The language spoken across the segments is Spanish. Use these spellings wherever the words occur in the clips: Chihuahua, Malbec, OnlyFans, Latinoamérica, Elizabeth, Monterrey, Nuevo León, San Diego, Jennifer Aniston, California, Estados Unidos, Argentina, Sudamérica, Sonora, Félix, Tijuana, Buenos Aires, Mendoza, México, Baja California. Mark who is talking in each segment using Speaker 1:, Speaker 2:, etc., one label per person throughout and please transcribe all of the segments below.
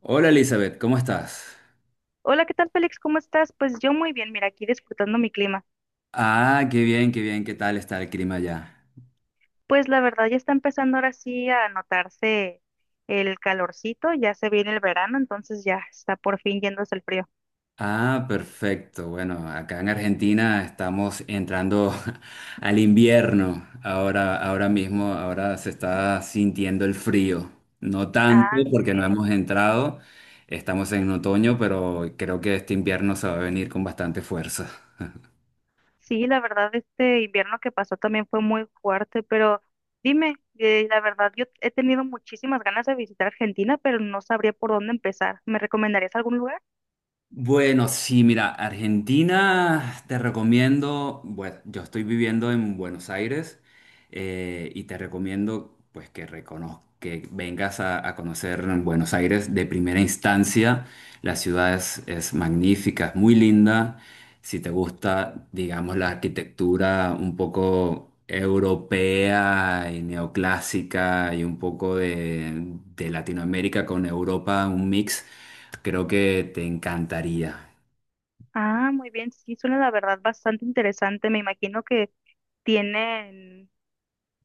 Speaker 1: Hola Elizabeth, ¿cómo estás?
Speaker 2: Hola, ¿qué tal, Félix? ¿Cómo estás? Pues yo muy bien, mira, aquí disfrutando mi clima.
Speaker 1: Ah, qué bien, qué bien, ¿qué tal está el clima allá?
Speaker 2: Pues la verdad ya está empezando ahora sí a notarse el calorcito, ya se viene el verano, entonces ya está por fin yéndose el frío.
Speaker 1: Ah, perfecto. Bueno, acá en Argentina estamos entrando al invierno. Ahora mismo, ahora se está sintiendo el frío. No tanto
Speaker 2: Ah, muy
Speaker 1: porque no
Speaker 2: bien.
Speaker 1: hemos entrado, estamos en otoño, pero creo que este invierno se va a venir con bastante fuerza.
Speaker 2: Sí, la verdad este invierno que pasó también fue muy fuerte, pero dime, la verdad yo he tenido muchísimas ganas de visitar Argentina, pero no sabría por dónde empezar. ¿Me recomendarías algún lugar?
Speaker 1: Bueno, sí, mira, Argentina te recomiendo, bueno, yo estoy viviendo en Buenos Aires y te recomiendo pues que que vengas a conocer Buenos Aires de primera instancia. La ciudad es magnífica, es muy linda. Si te gusta, digamos, la arquitectura un poco europea y neoclásica y un poco de Latinoamérica con Europa, un mix. Creo que te encantaría.
Speaker 2: Ah, muy bien, sí, suena la verdad bastante interesante. Me imagino que tienen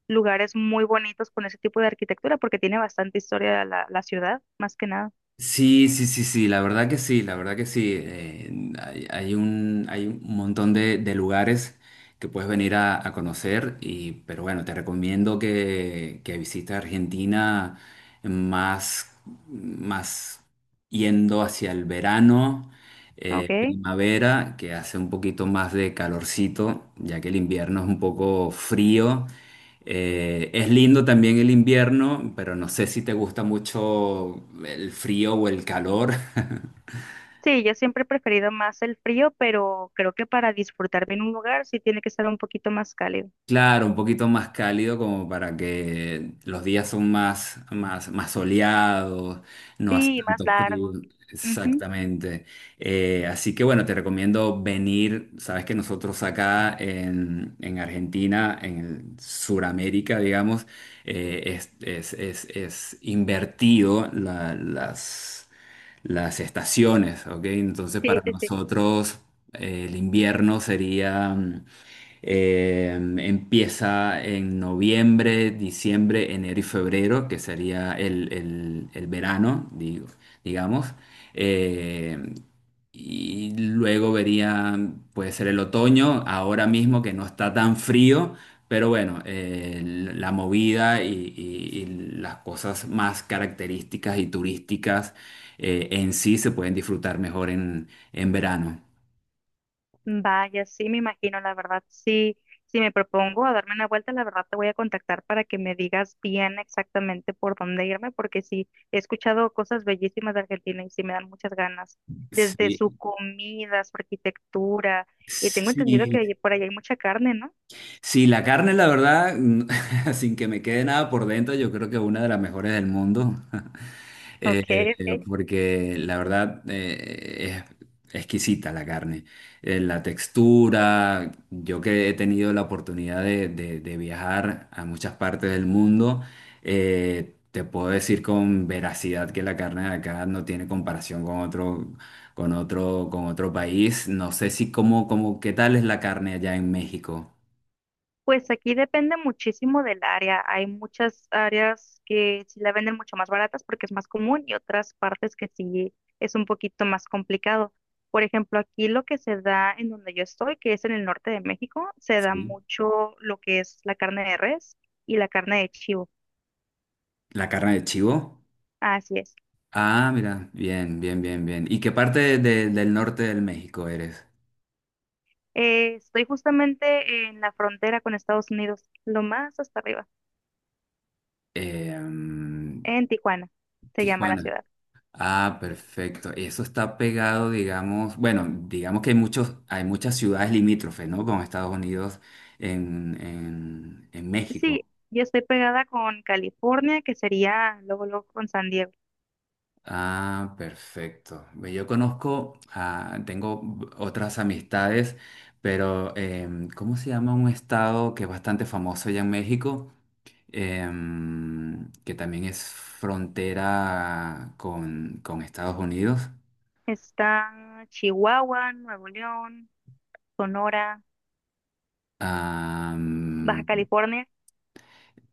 Speaker 2: lugares muy bonitos con ese tipo de arquitectura porque tiene bastante historia la ciudad, más que nada,
Speaker 1: Sí, la verdad que sí, la verdad que sí. Hay un montón de lugares que puedes venir a conocer, y, pero bueno, te recomiendo que visites Argentina más, más yendo hacia el verano,
Speaker 2: ¿ok?
Speaker 1: primavera, que hace un poquito más de calorcito, ya que el invierno es un poco frío. Es lindo también el invierno, pero no sé si te gusta mucho el frío o el calor.
Speaker 2: Sí, yo siempre he preferido más el frío, pero creo que para disfrutar bien un lugar sí tiene que estar un poquito más cálido.
Speaker 1: Claro, un poquito más cálido como para que los días son más soleados, no hace
Speaker 2: Sí, más
Speaker 1: tanto frío.
Speaker 2: largo. Ujú.
Speaker 1: Exactamente. Así que bueno, te recomiendo venir. Sabes que nosotros acá en Argentina, en Sudamérica, digamos, es invertido las estaciones, ¿ok? Entonces para
Speaker 2: Sí, sí, sí.
Speaker 1: nosotros el invierno sería eh, empieza en noviembre, diciembre, enero y febrero, que sería el verano, digo, digamos. Eh, y luego vería, puede ser el otoño, ahora mismo que no está tan frío, pero bueno, la movida y las cosas más características y turísticas en sí se pueden disfrutar mejor en verano.
Speaker 2: Vaya, sí, me imagino, la verdad, sí, si me propongo a darme una vuelta, la verdad te voy a contactar para que me digas bien exactamente por dónde irme, porque sí, he escuchado cosas bellísimas de Argentina y sí me dan muchas ganas, desde
Speaker 1: Sí,
Speaker 2: su comida, su arquitectura, y tengo entendido que
Speaker 1: sí,
Speaker 2: por allá hay mucha carne, ¿no?
Speaker 1: Sí, la carne, la verdad, sin que me quede nada por dentro, yo creo que es una de las mejores del mundo.
Speaker 2: Ok, ok.
Speaker 1: Porque la verdad es exquisita la carne. La textura, yo que he tenido la oportunidad de viajar a muchas partes del mundo, te puedo decir con veracidad que la carne de acá no tiene comparación con otro, con otro, con otro país. No sé si qué tal es la carne allá en México.
Speaker 2: Pues aquí depende muchísimo del área. Hay muchas áreas que sí la venden mucho más baratas porque es más común y otras partes que sí es un poquito más complicado. Por ejemplo, aquí lo que se da en donde yo estoy, que es en el norte de México, se da
Speaker 1: Sí.
Speaker 2: mucho lo que es la carne de res y la carne de chivo.
Speaker 1: La carne de chivo.
Speaker 2: Así es.
Speaker 1: Ah, mira, bien, bien, bien, bien. ¿Y qué parte del norte del México eres?
Speaker 2: Estoy justamente en la frontera con Estados Unidos, lo más hasta arriba,
Speaker 1: Eh, mm,
Speaker 2: en Tijuana, se llama la
Speaker 1: Tijuana.
Speaker 2: ciudad.
Speaker 1: Ah, perfecto. Eso está pegado, digamos, bueno, digamos que hay muchos, hay muchas ciudades limítrofes, ¿no? Con Estados Unidos en
Speaker 2: Sí,
Speaker 1: México.
Speaker 2: yo estoy pegada con California, que sería luego, luego con San Diego.
Speaker 1: Ah, perfecto. Ve, yo conozco, ah, tengo otras amistades, pero em, ¿cómo se llama un estado que es bastante famoso allá en México? Em, que también es frontera con Estados Unidos.
Speaker 2: Está Chihuahua, Nuevo León, Sonora, Baja
Speaker 1: Am,
Speaker 2: California.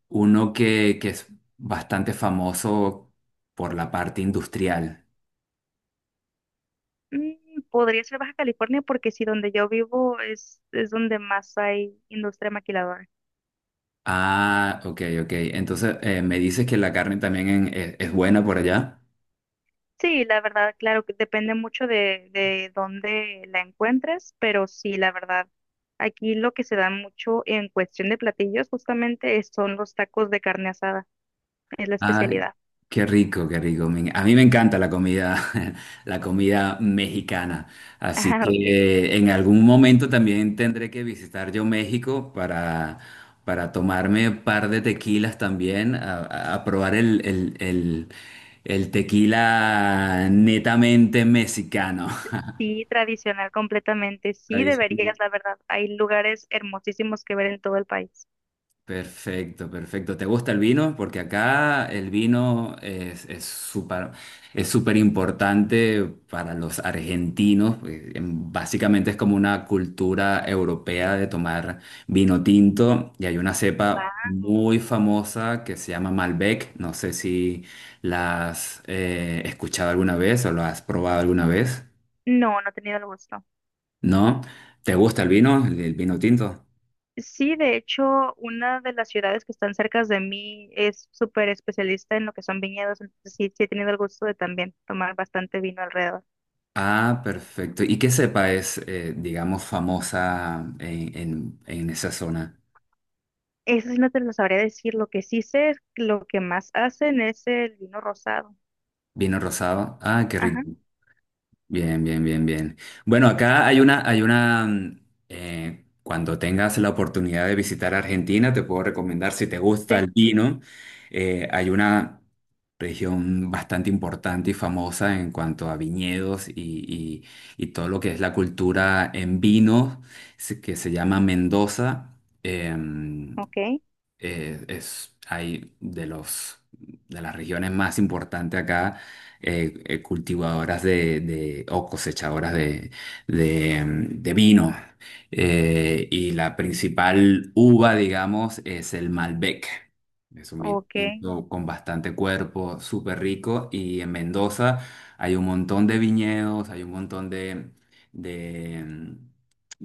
Speaker 1: uno que es bastante famoso por la parte industrial.
Speaker 2: Mm, podría ser Baja California porque sí, donde yo vivo es donde más hay industria maquiladora.
Speaker 1: Ah, ok, ok. Entonces, me dices que la carne también es buena por allá.
Speaker 2: Sí, la verdad, claro que depende mucho de dónde la encuentres, pero sí, la verdad, aquí lo que se da mucho en cuestión de platillos justamente son los tacos de carne asada, es la
Speaker 1: Ay,
Speaker 2: especialidad.
Speaker 1: qué rico, qué rico. A mí me encanta la comida, la comida mexicana. Así
Speaker 2: Ah, ok.
Speaker 1: que en algún momento también tendré que visitar yo México para tomarme un par de tequilas también, a probar el tequila netamente mexicano.
Speaker 2: Sí, tradicional completamente. Sí, deberías, la verdad. Hay lugares hermosísimos que ver en todo el país.
Speaker 1: Perfecto, perfecto. ¿Te gusta el vino? Porque acá el vino es súper importante para los argentinos. Eh, básicamente es como una cultura europea de tomar vino tinto y hay una cepa
Speaker 2: Guau.
Speaker 1: muy famosa que se llama Malbec. No sé si la has escuchado alguna vez o lo has probado alguna vez.
Speaker 2: No, no he tenido el gusto.
Speaker 1: ¿No? ¿Te gusta el vino, el vino tinto?
Speaker 2: Sí, de hecho, una de las ciudades que están cerca de mí es súper especialista en lo que son viñedos, entonces sí, sí he tenido el gusto de también tomar bastante vino alrededor.
Speaker 1: Ah, perfecto. ¿Y qué cepa es, digamos, famosa en esa zona?
Speaker 2: Eso sí no te lo sabría decir. Lo que sí sé, es que lo que más hacen es el vino rosado.
Speaker 1: ¿Vino rosado? Ah, qué
Speaker 2: Ajá,
Speaker 1: rico. Bien, bien, bien, bien. Bueno, acá hay una, cuando tengas la oportunidad de visitar Argentina, te puedo recomendar, si te gusta
Speaker 2: sí,
Speaker 1: el vino, hay una región bastante importante y famosa en cuanto a viñedos y todo lo que es la cultura en vino, que se llama Mendoza. Em,
Speaker 2: ok,
Speaker 1: es hay de los de las regiones más importantes acá, cultivadoras o cosechadoras de vino. Y la principal uva, digamos, es el Malbec. Es un vino
Speaker 2: ok.
Speaker 1: tinto con bastante cuerpo, súper rico. Y en Mendoza hay un montón de viñedos, hay un montón de, mm,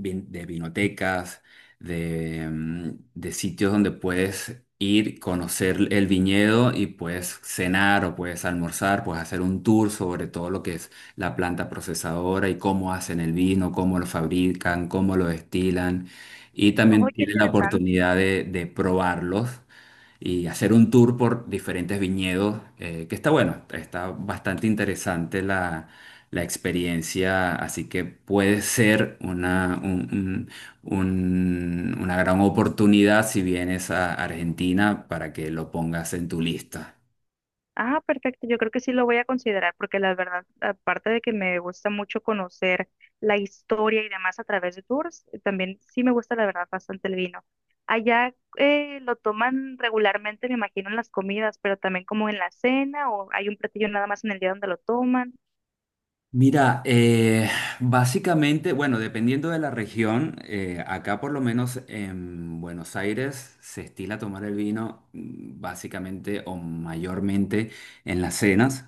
Speaker 1: de vinotecas de, mm, de sitios donde puedes ir, conocer el viñedo y puedes cenar o puedes almorzar, puedes hacer un tour sobre todo lo que es la planta procesadora y cómo hacen el vino, cómo lo fabrican, cómo lo destilan. Y
Speaker 2: Oh,
Speaker 1: también
Speaker 2: qué
Speaker 1: tienes la
Speaker 2: interesante.
Speaker 1: oportunidad de probarlos y hacer un tour por diferentes viñedos, que está bueno, está bastante interesante la, la experiencia, así que puede ser una gran oportunidad si vienes a Argentina para que lo pongas en tu lista.
Speaker 2: Ah, perfecto. Yo creo que sí lo voy a considerar porque la verdad, aparte de que me gusta mucho conocer la historia y demás a través de tours, también sí me gusta la verdad bastante el vino. Allá lo toman regularmente, me imagino, en las comidas, pero también como en la cena o hay un platillo nada más en el día donde lo toman.
Speaker 1: Mira, básicamente, bueno, dependiendo de la región, acá por lo menos en Buenos Aires se estila tomar el vino básicamente o mayormente en las cenas,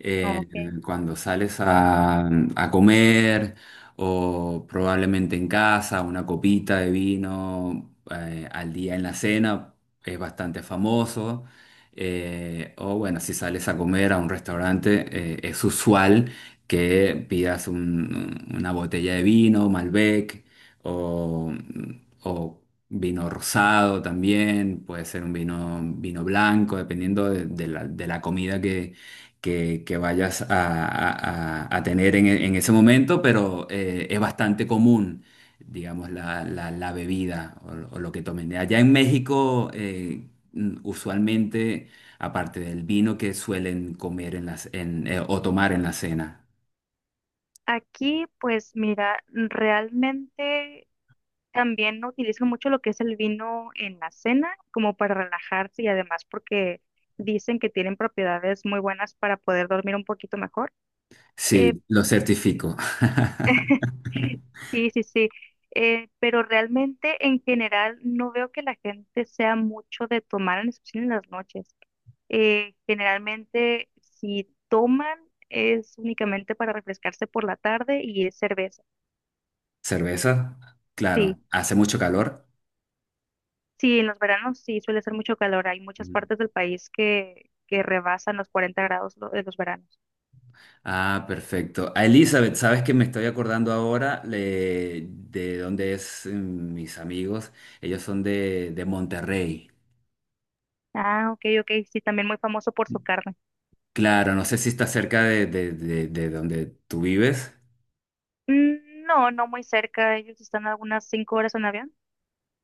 Speaker 1: eh,
Speaker 2: Ok.
Speaker 1: cuando sales a comer o probablemente en casa, una copita de vino al día en la cena es bastante famoso. Eh, o bueno, si sales a comer a un restaurante, es usual que pidas una botella de vino, Malbec, o, o vino rosado también, puede ser un vino, vino blanco, dependiendo de la comida que vayas a tener en ese momento, pero es bastante común. Digamos, la bebida o lo que tomen. Allá en México, mm, usualmente, aparte del vino que suelen comer o tomar en la cena.
Speaker 2: Aquí, pues mira, realmente también utilizan mucho lo que es el vino en la cena, como para relajarse y además porque dicen que tienen propiedades muy buenas para poder dormir un poquito mejor. Eh,
Speaker 1: Sí, lo
Speaker 2: sí.
Speaker 1: certifico.
Speaker 2: Sí, sí, sí. Pero realmente en general no veo que la gente sea mucho de tomar, en especial en las noches. Generalmente si toman es únicamente para refrescarse por la tarde y es cerveza.
Speaker 1: ¿Cerveza?
Speaker 2: Sí.
Speaker 1: Claro, hace mucho calor.
Speaker 2: Sí, en los veranos sí suele ser mucho calor. Hay muchas
Speaker 1: Ujú.
Speaker 2: partes del país que rebasan los 40 grados en los veranos.
Speaker 1: Ah, perfecto. A Elizabeth, ¿sabes que me estoy acordando ahora de dónde es mis amigos? Ellos son de Monterrey.
Speaker 2: Ah, ok, ok. Sí, también muy famoso por su carne.
Speaker 1: Claro, no sé si está cerca de donde tú vives.
Speaker 2: Mm, no, no muy cerca. Ellos están a algunas 5 horas en avión.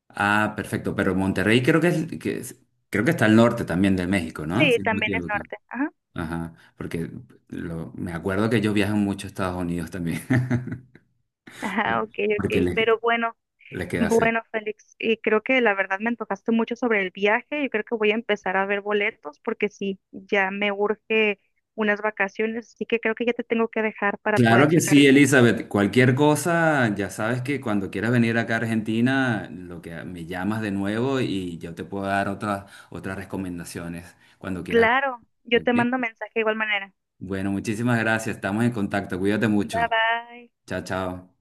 Speaker 1: Ah, perfecto, pero Monterrey creo creo que está al norte también de México, ¿no?
Speaker 2: Sí,
Speaker 1: Si no me
Speaker 2: también es
Speaker 1: equivoco.
Speaker 2: norte. Ajá.
Speaker 1: Ajá, porque me acuerdo que ellos viajan mucho a Estados Unidos también,
Speaker 2: Ajá, ok,
Speaker 1: porque
Speaker 2: ok.
Speaker 1: les,
Speaker 2: Pero bueno,
Speaker 1: les queda hacer.
Speaker 2: bueno, Félix. Y creo que la verdad me antojaste mucho sobre el viaje. Yo creo que voy a empezar a ver boletos porque sí, ya me urge unas vacaciones. Así que creo que ya te tengo que dejar para poder
Speaker 1: Claro que
Speaker 2: checar.
Speaker 1: sí, Elizabeth. Cualquier cosa, ya sabes que cuando quieras venir acá a Argentina, lo que me llamas de nuevo y yo te puedo dar otras recomendaciones cuando quieras.
Speaker 2: Claro, yo
Speaker 1: ¿Ok?
Speaker 2: te mando mensaje de igual manera.
Speaker 1: Bueno, muchísimas gracias. Estamos en contacto. Cuídate
Speaker 2: Bye
Speaker 1: mucho.
Speaker 2: bye.
Speaker 1: Chao, chao.